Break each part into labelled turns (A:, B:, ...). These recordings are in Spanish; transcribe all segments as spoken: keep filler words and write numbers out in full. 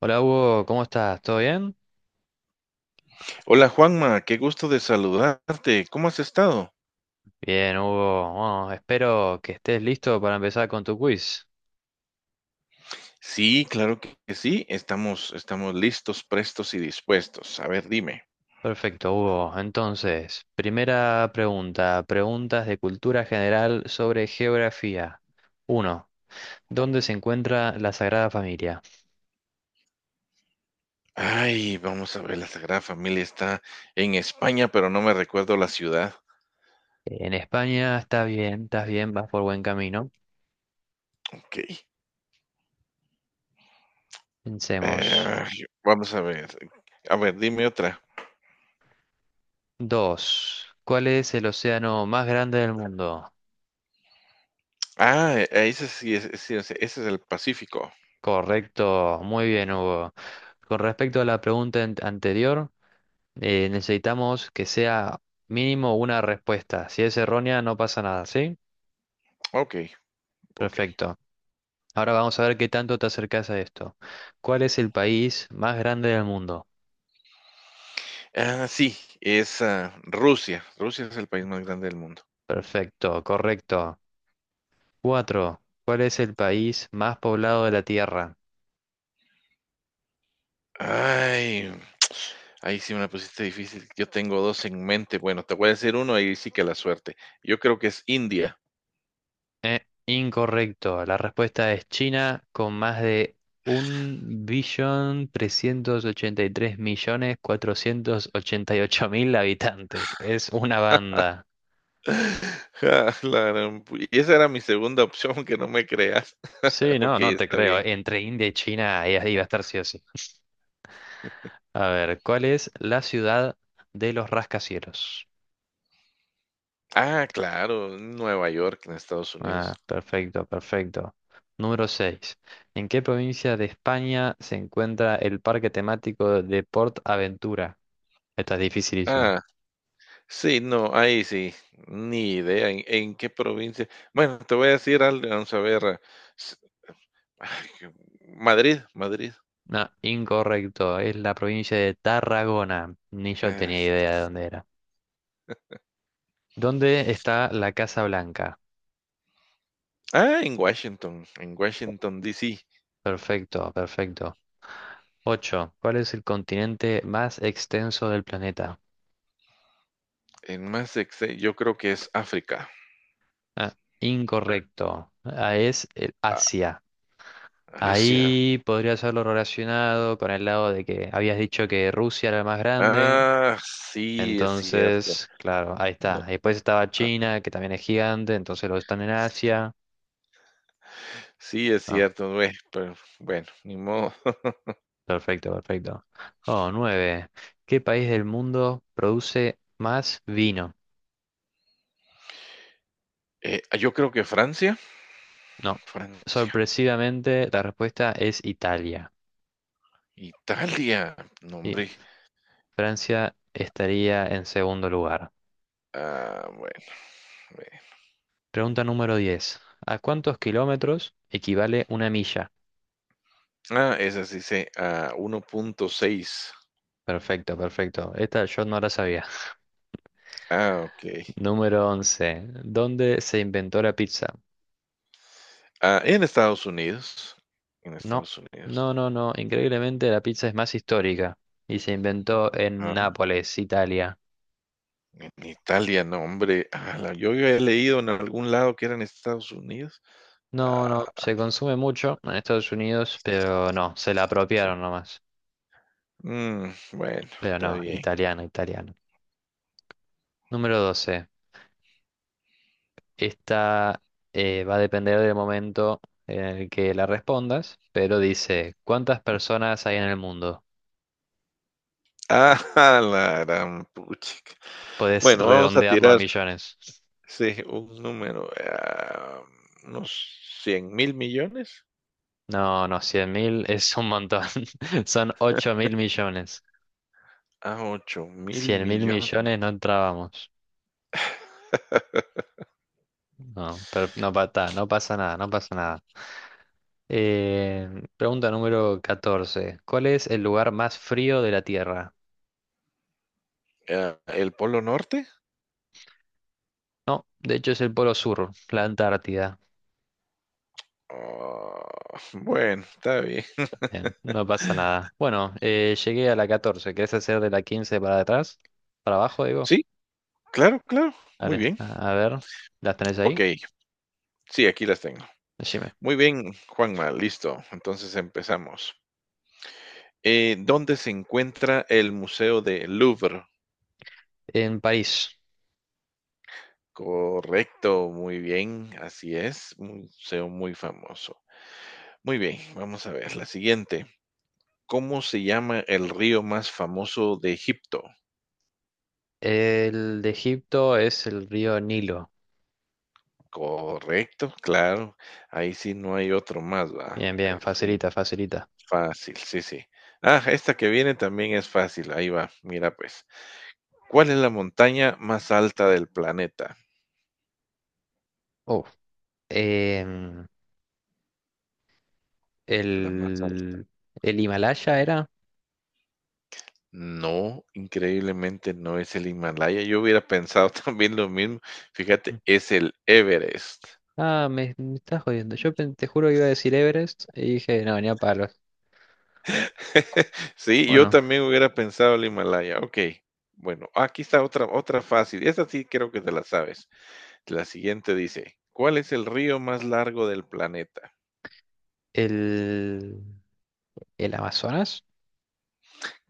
A: Hola Hugo, ¿cómo estás? ¿Todo bien?
B: Hola Juanma, qué gusto de saludarte. ¿Cómo has estado?
A: Bien, Hugo. Bueno, espero que estés listo para empezar con tu quiz.
B: Sí, claro que que sí. Estamos, estamos listos, prestos y dispuestos. A ver, dime.
A: Perfecto, Hugo. Entonces, primera pregunta, preguntas de cultura general sobre geografía. Uno, ¿dónde se encuentra la Sagrada Familia?
B: Ay, vamos a ver, la Sagrada Familia está en España, pero no me recuerdo la ciudad.
A: En España, está bien, estás bien, vas por buen camino.
B: Ok.
A: Pensemos.
B: eh, Vamos a ver. A ver, dime otra.
A: Dos, ¿cuál es el océano más grande del mundo?
B: Ah, eh, ese sí es, es- sí, ese ese es el Pacífico.
A: Correcto, muy bien, Hugo. Con respecto a la pregunta an- anterior, Eh, necesitamos que sea mínimo una respuesta. Si es errónea, no pasa nada, ¿sí?
B: Ok, ok.
A: Perfecto. Ahora vamos a ver qué tanto te acercas a esto. ¿Cuál es el país más grande del mundo?
B: Ah, sí, es ah, Rusia. Rusia es el país más grande del mundo.
A: Perfecto, correcto. Cuatro. ¿Cuál es el país más poblado de la Tierra?
B: Ay, ahí sí me la pusiste difícil. Yo tengo dos en mente. Bueno, te voy a decir uno y sí que la suerte. Yo creo que es India.
A: Incorrecto. La respuesta es China con más de un billón trescientos ochenta ochenta y y tres millones cuatrocientos ochenta y ocho mil habitantes. Es una banda.
B: Ah, la gran pu- y esa era mi segunda opción, que no me creas.
A: Sí, no,
B: Ok,
A: no te
B: está
A: creo.
B: bien.
A: Entre India y China iba iba a estar sí o sí. A ver, ¿cuál es la ciudad de los rascacielos?
B: Ah, claro, Nueva York, en Estados Unidos.
A: Ah, perfecto, perfecto. Número seis. ¿En qué provincia de España se encuentra el parque temático de Port Aventura? Esta es dificilísima.
B: Ah, sí, no, ahí sí, ni idea en, en qué provincia. Bueno, te voy a decir algo, vamos a ver. eh, s- Ay, que- Madrid, Madrid.
A: No, incorrecto. Es la provincia de Tarragona. Ni yo
B: eh,
A: tenía idea de dónde era. ¿Dónde está la Casa Blanca?
B: ah, en Washington, en Washington, D. C.
A: Perfecto, perfecto. Ocho. ¿Cuál es el continente más extenso del planeta?
B: En más exe- yo creo que es África,
A: Ah, incorrecto. Ah, es el
B: a-
A: Asia.
B: Asia.
A: Ahí podría haberlo relacionado con el lado de que habías dicho que Rusia era el más grande.
B: Ah, sí, es cierto.
A: Entonces, claro, ahí
B: No,
A: está. Después estaba
B: ah,
A: China, que también es gigante, entonces los están en Asia.
B: sí, es
A: Ah,
B: cierto, güey, pero bueno, ni modo.
A: perfecto, perfecto. Oh, nueve. ¿Qué país del mundo produce más vino?
B: Eh, ah, yo creo que Francia,
A: No.
B: Francia,
A: Sorpresivamente, la respuesta es Italia.
B: Italia, no,
A: Y
B: hombre.
A: Francia estaría en segundo lugar.
B: Ah, bueno. Bueno.
A: Pregunta número diez. ¿A cuántos kilómetros equivale una milla?
B: Ah, esa sí se ah, uno punto seis.
A: Perfecto, perfecto. Esta yo no la sabía.
B: Ah, okey.
A: Número once. ¿Dónde se inventó la pizza?
B: Ah, en Estados Unidos, en
A: No,
B: Estados Unidos.
A: no, no, no. Increíblemente la pizza es más histórica y se inventó en
B: Ah,
A: Nápoles, Italia.
B: en Italia, no, hombre, ala, yo había leído en algún lado que era en Estados Unidos.
A: No, no,
B: Ah,
A: se consume mucho en Estados Unidos, pero no, se la
B: sí.
A: apropiaron nomás.
B: Mm, bueno,
A: Pero
B: está
A: no,
B: bien.
A: italiano, italiano. Número doce. Esta eh, va a depender del momento en el que la respondas, pero dice, ¿cuántas personas hay en el mundo?
B: Ah, la gran puchica.
A: Puedes
B: Bueno, vamos a
A: redondearlo a
B: tirar,
A: millones.
B: sí, un número, ah, unos cien mil millones.
A: No, no, cien mil es un montón. Son ocho mil millones.
B: Ah, ocho mil
A: Cien mil millones no
B: millones.
A: entrábamos. No, pero no, pa- ta, no pasa nada, no pasa nada. Eh, pregunta número catorce. ¿Cuál es el lugar más frío de la Tierra?
B: Ah, ¿el Polo Norte?
A: No, de hecho es el Polo Sur, la Antártida.
B: Ah, bueno, está bien.
A: Bien, no pasa nada. Bueno, eh, llegué a la catorce. ¿Querés hacer de la quince para atrás? ¿Para abajo, digo?
B: Sí, claro, claro. Muy
A: Dale,
B: bien.
A: a, a ver. ¿Las tenés ahí?
B: Ok, sí, aquí las tengo.
A: Decime.
B: Muy bien, Juanma, listo. Entonces empezamos. Eh, ¿dónde se encuentra el Museo del Louvre?
A: En París.
B: Correcto, muy bien, así es. Un Museo muy famoso. Muy bien, vamos a ver la siguiente. ¿Cómo se llama el río más famoso de Egipto?
A: El de Egipto es el río Nilo.
B: Correcto, claro. Ahí sí no hay otro más, ¿va?
A: Bien, bien, facilita, facilita.
B: Fácil, sí, sí. Ah, esta que viene también es fácil. Ahí va, mira pues. ¿Cuál es la montaña más alta del planeta?
A: Oh, em,
B: La más alta.
A: el, el Himalaya era.
B: No, increíblemente no es el Himalaya. Yo hubiera pensado también lo mismo.
A: Mm.
B: Fíjate, es el Everest.
A: Ah, me, me estás jodiendo. Yo pen- te juro que iba a decir Everest y dije, no, venía palos.
B: Sí, yo
A: Bueno,
B: también hubiera pensado el Himalaya. Ok. Bueno, aquí está otra, otra fácil. Esta sí creo que te la sabes. La siguiente dice, ¿cuál es el río más largo del planeta?
A: el, el Amazonas.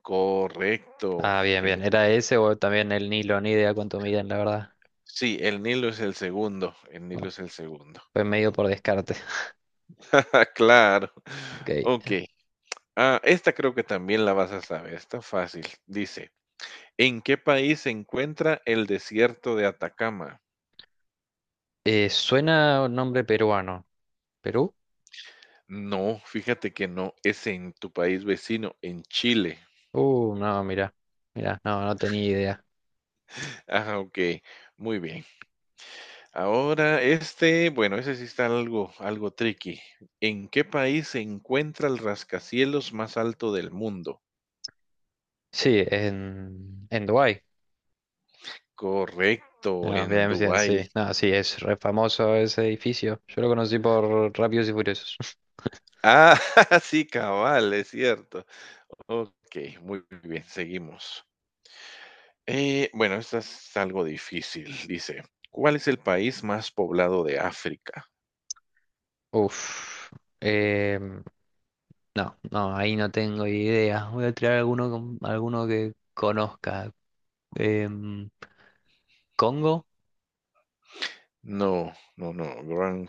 B: Correcto,
A: Ah, bien, bien.
B: el.
A: ¿Era ese o también el Nilo? Ni idea cuánto miden, la verdad.
B: Sí, el Nilo es el segundo, el Nilo
A: No,
B: es el segundo.
A: fue medio por descarte.
B: Claro.
A: Ok.
B: Ok. Ah, esta creo que también la vas a saber, está fácil. Dice, ¿en qué país se encuentra el desierto de Atacama?
A: Eh, suena un nombre peruano. ¿Perú?
B: No, fíjate que no, es en tu país vecino, en Chile.
A: Uh, no, mira. Mira, no, no tenía idea.
B: Ah, ok, muy bien. Ahora este, bueno, ese sí está algo, algo tricky. ¿En qué país se encuentra el rascacielos más alto del mundo?
A: Sí, en, en Dubái.
B: Correcto,
A: Ah,
B: en
A: bien, bien,
B: Dubái.
A: sí. No, sí, es re famoso ese edificio. Yo lo conocí por Rápidos y Furiosos.
B: Ah, sí, cabal, es cierto. Ok, muy bien, seguimos. Eh, bueno, esta es algo difícil. Dice, ¿cuál es el país más poblado de África?
A: Uf. em, no, no, ahí no tengo idea. Voy a tirar alguno, con- alguno que conozca. Em, ¿Congo?
B: No, no, no, wrong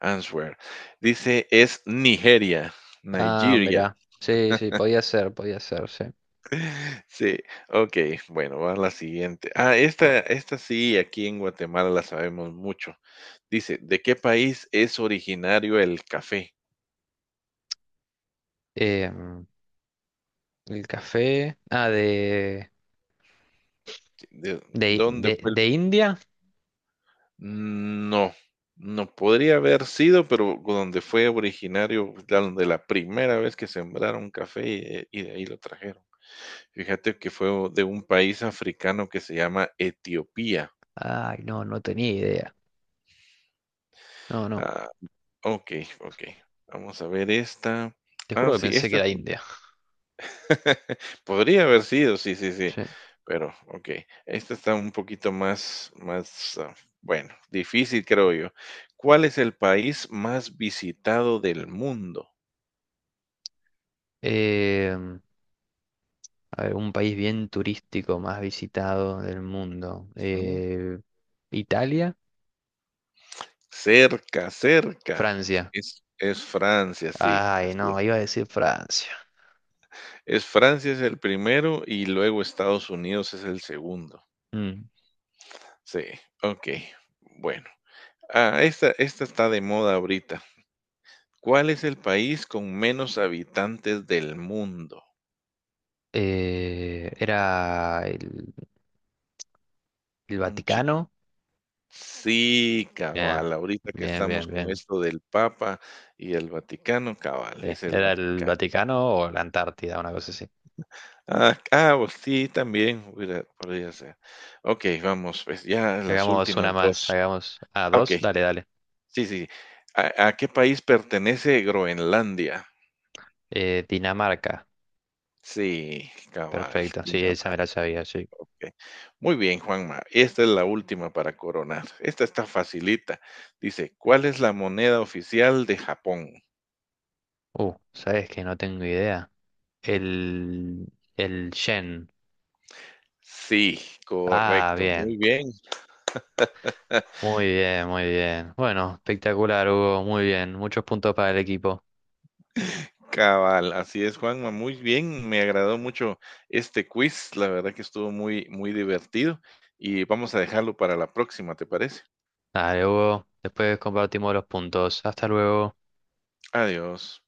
B: answer. Dice, es Nigeria,
A: Ah,
B: Nigeria.
A: mirá. Sí, sí, podía ser, podía ser, sí.
B: Sí, ok, bueno, va la siguiente. Ah, esta, esta sí, aquí en Guatemala la sabemos mucho. Dice, ¿de qué país es originario el café?
A: Em, el café. Ah, de,
B: ¿De
A: de,
B: dónde
A: de,
B: fue el...?
A: de India.
B: Mm, no, no podría haber sido, pero donde fue originario, la- donde la primera vez que sembraron café eh, y de ahí lo trajeron. Fíjate que fue o- de un país africano que se llama Etiopía.
A: Ay, no, no tenía idea. No, no.
B: Ah, ok, ok. Vamos a ver esta.
A: Te juro
B: Ah,
A: que
B: sí,
A: pensé que
B: esta es.
A: era India.
B: Podría haber sido, sí, sí, sí.
A: Sí.
B: Pero, okey. Esta está un poquito más más, ah, bueno, difícil, creo yo. ¿Cuál es el país más visitado del mundo?
A: Em, a ver, un país bien turístico más visitado del mundo.
B: Mm,
A: Eh, Italia,
B: cerca, cerca.
A: Francia.
B: Es es Francia, sí,
A: Ay,
B: así
A: no,
B: es.
A: iba a decir Francia.
B: Es Francia es el primero y luego Estados Unidos es el segundo.
A: Mm.
B: Sí, okey. Bueno, ah, esta esta está de moda ahorita. ¿Cuál es el país con menos habitantes del mundo?
A: Eh, era el, el
B: Un chiqui,
A: Vaticano.
B: sí,
A: Bien,
B: cabal, ahorita que
A: bien,
B: estamos
A: bien,
B: con
A: bien.
B: esto del Papa y el Vaticano, cabal,
A: Sí,
B: es el
A: era el
B: Vaticano.
A: Vaticano o la Antártida, una cosa así.
B: Ah, ah, pues sí, también hubiera podría ser. Okey, vamos, pues, ya las
A: Hagamos una
B: últimas
A: más,
B: dos.
A: hagamos... Ah, dos,
B: Okey,
A: dale, dale.
B: sí, sí. ¿A a qué país pertenece Groenlandia?
A: Eh, Dinamarca,
B: Sí, cabal,
A: perfecto. Sí, esa me la
B: Dinamarca.
A: sabía, sí.
B: Muy bien, Juanma, esta es la última para coronar. Esta está facilita. Dice, ¿cuál es la moneda oficial de Japón?
A: Uh, ¿sabes que No tengo idea. El... El Yen.
B: Sí,
A: Ah,
B: correcto,
A: bien.
B: muy bien,
A: Muy bien, muy bien. Bueno, espectacular, Hugo. Muy bien. Muchos puntos para el equipo.
B: cabal, así es, Juanma, muy bien, me agradó mucho este quiz, la verdad que estuvo muy, muy divertido y vamos a dejarlo para la próxima, ¿te parece?
A: Dale, Hugo. Después compartimos los puntos. Hasta luego.
B: Adiós.